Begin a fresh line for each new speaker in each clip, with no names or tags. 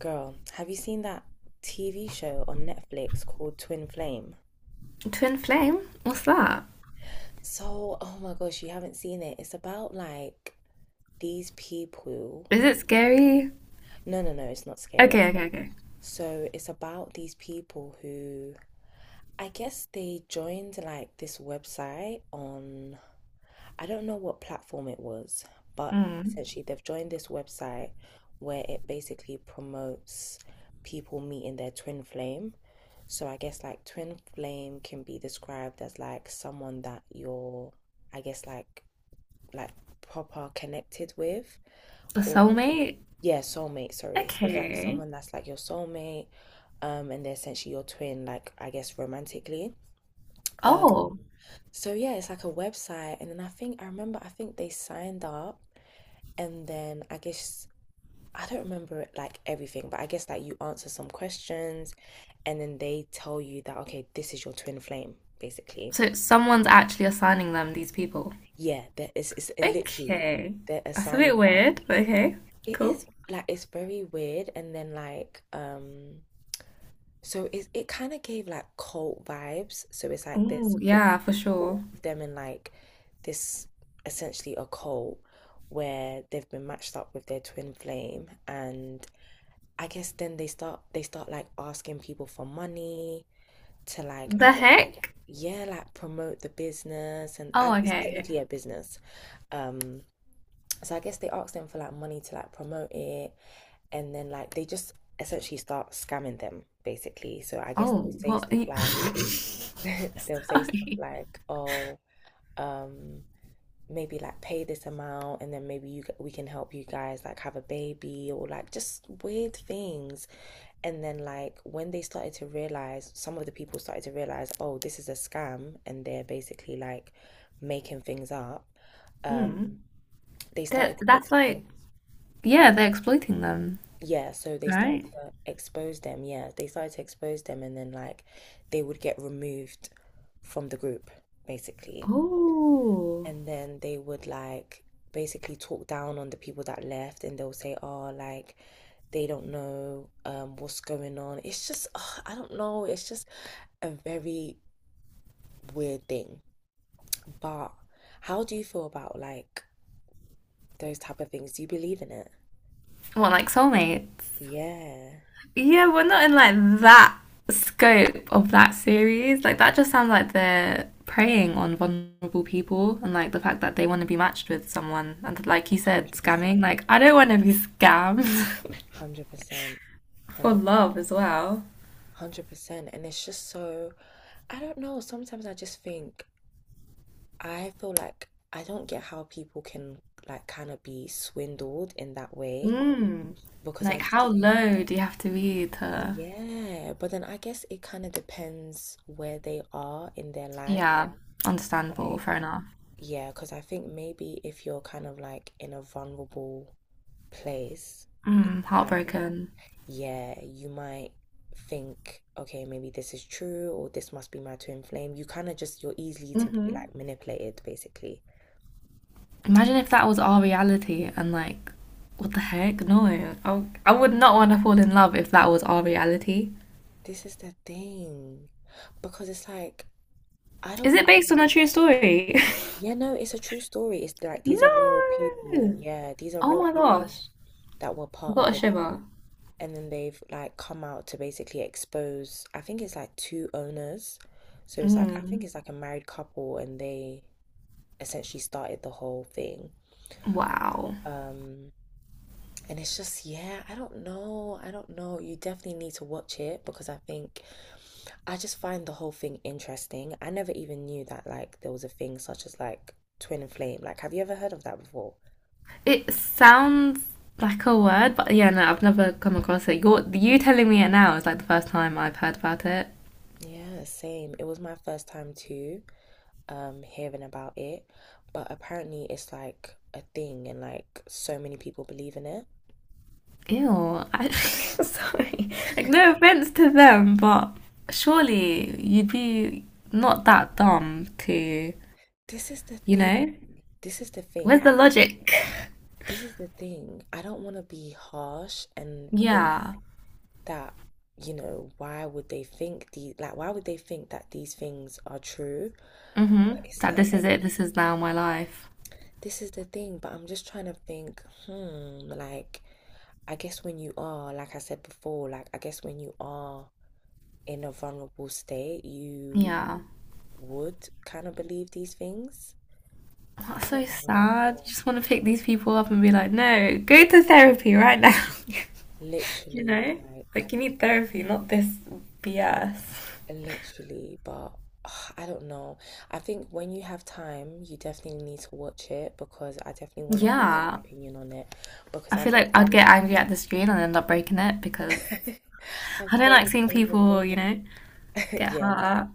Girl, have you seen that TV show on Netflix called Twin Flame?
Twin flame? What's
Yeah.
that?
So, oh my gosh, you haven't seen it. It's about these people.
Is it scary?
No, no, no, it's not scary.
Okay, okay, okay.
So, it's about these people who I guess they joined like this website on I don't know what platform it was, but
Mm.
essentially they've joined this website where it basically promotes people meeting their twin flame. So I guess like twin flame can be described as like someone that you're, I guess like proper connected with
A
or
soulmate?
yeah, soulmate, sorry. So it's like
Okay.
someone that's like your soulmate, and they're essentially your twin, like I guess romantically. Um,
Oh,
so yeah, it's like a website, and then I think I remember I think they signed up, and then I guess I don't remember it, like everything, but I guess like you answer some questions, and then they tell you that okay, this is your twin flame, basically.
so someone's actually assigning them these people.
Yeah, that is it literally
Okay.
they're
That's a bit
assigning them.
weird, but okay.
It
Cool.
is like it's very weird, and then so it kind of gave like cult vibes. So it's like there's
Oh, yeah, for sure.
them in like this essentially a cult where they've been matched up with their twin flame and I guess then they start like asking people for money to like I
The
guess like,
heck?
yeah like promote the business and I,
Oh,
it's
okay, okay.
technically a business um so I guess they ask them for like money to like promote it and then like they just essentially start scamming them basically, so I guess they'll
Oh,
say
what?
stuff like they'll say stuff
Sorry.
like oh um maybe like pay this amount and then maybe you we can help you guys like have a baby or like just weird things. And then like when they started to realize, some of the people started to realize, oh, this is a scam and they're basically like making things up,
Mm.
um they started
That,
to
that's
expose.
like, yeah, they're exploiting them,
Yeah, so they started
right?
to expose them. Yeah, they started to expose them and then like they would get removed from the group basically.
Oh.
And then they would like basically talk down on the people that left and they'll say, oh, like they don't know what's going on. It's just ugh, I don't know, it's just a very weird thing. But how do you feel about like those type of things? Do you believe in it?
What, like soulmates?
Yeah.
Yeah, we're not in like that scope of that series. Like that just sounds like they're preying on vulnerable people, and like the fact that they want to be matched with someone, and like you said, scamming.
100%.
Like I don't want to be scammed
100%.
for
100%.
love as well.
100%. And it's just so I don't know, sometimes I just think I feel like I don't get how people can like kind of be swindled in that way
Mm.
because I
Like how
just think,
low do you have to be to?
yeah, but then I guess it kind of depends where they are in their life.
Yeah, understandable. Fair
Like,
enough.
yeah, because I think maybe if you're kind of like in a vulnerable place in
Mm,
life,
heartbroken.
yeah, you might think, okay, maybe this is true or this must be my twin flame. You kind of just, you're easy to be
Mm-hmm.
like manipulated basically.
Imagine if that was our reality and like, what the heck? No, I would not want to fall in love if that was our reality.
This is the thing. Because it's like, I don't
Is it based
know.
on a true story?
Yeah, no, it's a true story. It's like these
no!
are real people. Yeah, these are
Oh
real
my
people
gosh.
that were
I
part
got
of
a
it.
shiver.
And then they've like come out to basically expose, I think it's like two owners. So it's like, I
Mm.
think it's like a married couple and they essentially started the whole thing.
Wow.
Um, And it's just, yeah, I don't know. I don't know. You definitely need to watch it because I think I just find the whole thing interesting. I never even knew that like there was a thing such as like twin flame. Like, have you ever heard of that before?
It sounds like a word, but yeah, no, I've never come across it. You telling me it now is like the first time I've heard about it.
Yeah, same. It was my first time too, hearing about it. But apparently it's like a thing and like so many people believe in it.
Ew. I, sorry. Like, no offense to them, but surely you'd be not that dumb to,
This is the
you
thing.
know?
This is the thing.
Where's
I
the
don't,
logic?
this is the thing. I don't want to be harsh and think
Yeah.
that, you know, why would they think the like why would they think that these things are true?
Mm-hmm.
But it's
That
like
this is it. This is now my life.
this is the thing, but I'm just trying to think, hmm, like I guess when you are, like I said before, like I guess when you are in a vulnerable state, you
Yeah.
would kind of believe these things. I
That's so
don't know.
sad. You just want to pick these people up and be like, no, go to therapy right now. You
Literally,
know?
like
Like, you need therapy, not this BS.
literally, but ugh, I don't know. I think when you have time, you definitely need to watch it because I definitely want to hear
Yeah.
your opinion on it because
I feel
I've
like I'd get angry at the screen and end up breaking it because
I've
I don't
told
like seeing
so many.
people, you know, get
Yeah,
hurt.
no,
At.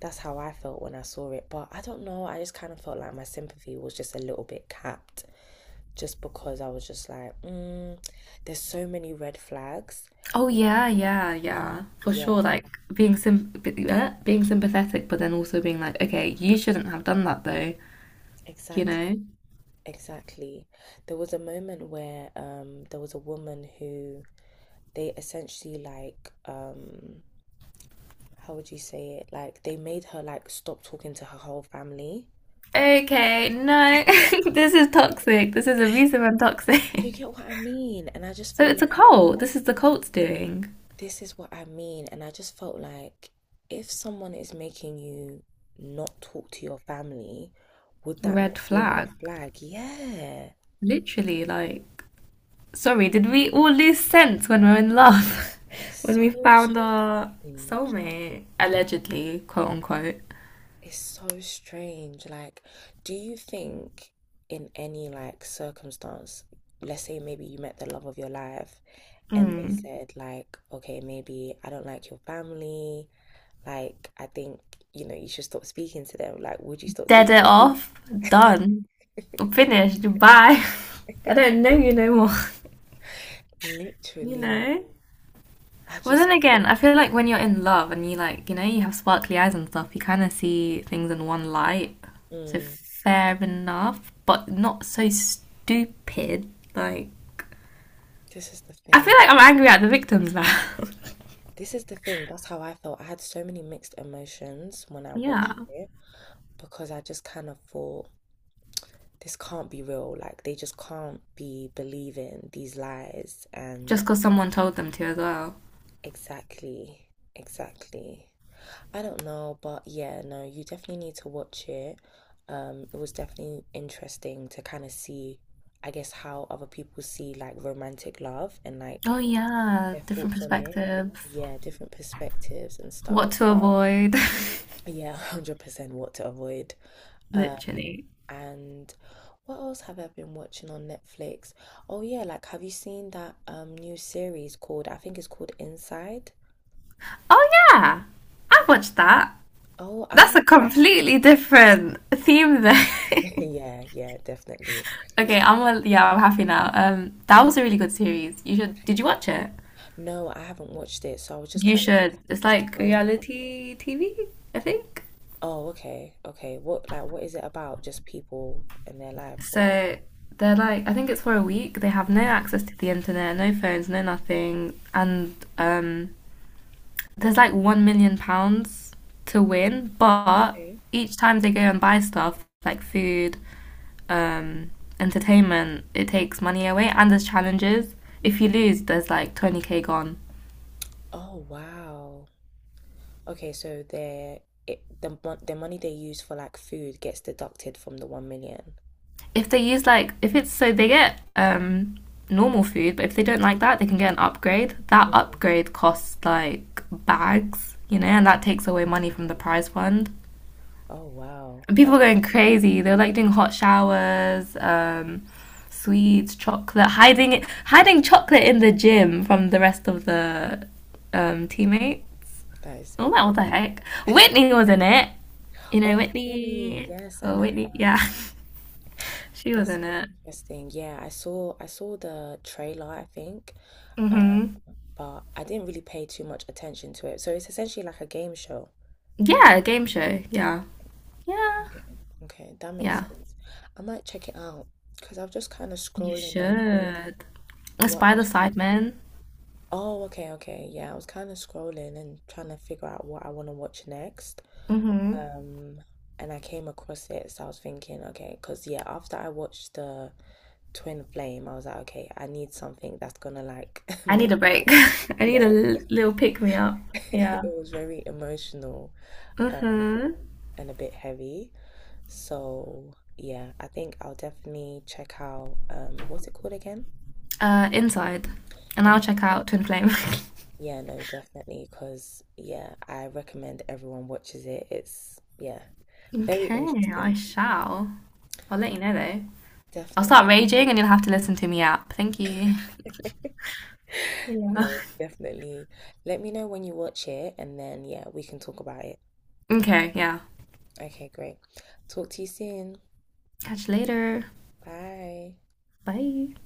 that's how I felt when I saw it. But I don't know. I just kind of felt like my sympathy was just a little bit capped, just because I was just like, mm, there's so many red flags.
Oh
Like,
yeah, yeah, yeah, for sure.
yeah,
Like being sym- being sympathetic, but then also being like, okay, you shouldn't have done that though, you
exact,
know.
exactly. There was a moment where there was a woman who they essentially how would you say it? Like they made her like stop talking to her whole family.
Okay, no, this is toxic. This is abusive and
Do you
toxic.
get what I mean? And I just
So
feel
it's a
like
cult. This is the cult's doing.
this is what I mean. And I just felt like if someone is making you not talk to your family, would that not
Red
be a
flag.
red flag? Yeah.
Literally, like, sorry, did we all lose sense when we were in love?
It's
When
so
we found our
strange.
soulmate, allegedly, quote unquote.
It's so strange. Like, do you think in any like circumstance, let's say maybe you met the love of your life and they
Mm.
said like okay maybe I don't like your family, like I think you know you should stop speaking to them, like would you stop
Dead
speaking
it off, done, finished, bye. I don't know you no more, you
literally
know?
I
Well,
just
then again,
couldn't
I feel like when you're in love and you like, you know, you have sparkly eyes and stuff, you kind of see things in one light. So
mm,
fair enough, but not so stupid. Like,
this is the
I feel
thing,
like I'm angry at the victims now.
this is the thing, that's how I felt, I had so many mixed emotions when I
Yeah,
watched it because I just kind of thought this can't be real, like they just can't be believing these lies and
just because someone told them to as well.
exactly exactly. I don't know, but yeah, no, you definitely need to watch it. It was definitely interesting to kind of see, I guess, how other people see like romantic love and like
Oh yeah,
their
different
thoughts on it.
perspectives.
Yeah, different perspectives and
What
stuff.
to avoid.
Yeah, 100% what to avoid. Um,
Literally.
and what else have I been watching on Netflix? Oh yeah, like have you seen that new series called, I think it's called Inside?
Oh yeah, I watched that.
Oh, I
That's
have,
a completely different theme though.
yeah. Yeah, yeah, definitely.
Okay, I'm well, yeah, I'm happy now. That was a really good series. You should. Did you watch it?
No, I haven't watched it, so I was just
You
kind of
should.
just
It's like
scrolling.
reality TV, I think.
Oh, okay, okay. What like what is it about? Just people and their life, or
So they're like, I think it's for a week. They have no access to the internet, no phones, no nothing, and there's like £1,000,000 to win, but
Okay.
each time they go and buy stuff like food um, entertainment, it takes money away and there's challenges. If you lose, there's like 20K gone.
Oh wow. Okay, so their it the the money they use for like food gets deducted from the 1 million.
If they use like, if it's so they get normal food, but if they don't like that, they can get an upgrade. That
Mhm.
upgrade costs like bags, you know, and that takes away
Mm.
money from the prize fund.
Oh wow.
And people are
Okay,
going
so
crazy. They are like doing hot showers, sweets, chocolate, hiding it, hiding chocolate in the gym from the rest of the teammates.
that is
Oh,
so
well, what the
funny.
heck? Whitney was in it. You know,
Oh really?
Whitney.
Yes, I
Oh,
know
Whitney.
her.
Yeah. She was
That's
in
so
it.
interesting. Yeah, I saw the trailer, I think,
Mm-hmm.
but I didn't really pay too much attention to it. So it's essentially like a game show.
Yeah, a game show. Yeah. Yeah.
Okay. Okay, that makes
Yeah.
sense. I might check it out because I was just kind of
You
scrolling on like
should. Let's
what
buy
I
the
should
side
see.
man.
Oh, okay, okay. Yeah, I was kind of scrolling and trying to figure out what I want to watch next.
Mm-hmm.
Um, and I came across it, so I was thinking, okay, because yeah, after I watched the Twin Flame, I was like, okay, I need something that's gonna like
I
make,
need a break. I need
yeah.
a little pick me up. Yeah.
It was very emotional
Mm-hmm.
and a bit heavy. So yeah, I think I'll definitely check out what's it called again?
Inside. And I'll
And
check out Twin Flame.
yeah, no, definitely, because yeah, I recommend everyone watches it. It's yeah, very
Okay, I
interesting.
shall. I'll let you know though. I'll
Definitely.
start raging and you'll have to listen to me up. Thank you. Yeah.
No, definitely. Let me know when you watch it and then yeah, we can talk about it.
Okay, yeah.
Okay, great. Talk to you soon.
Catch you later.
Bye.
Bye.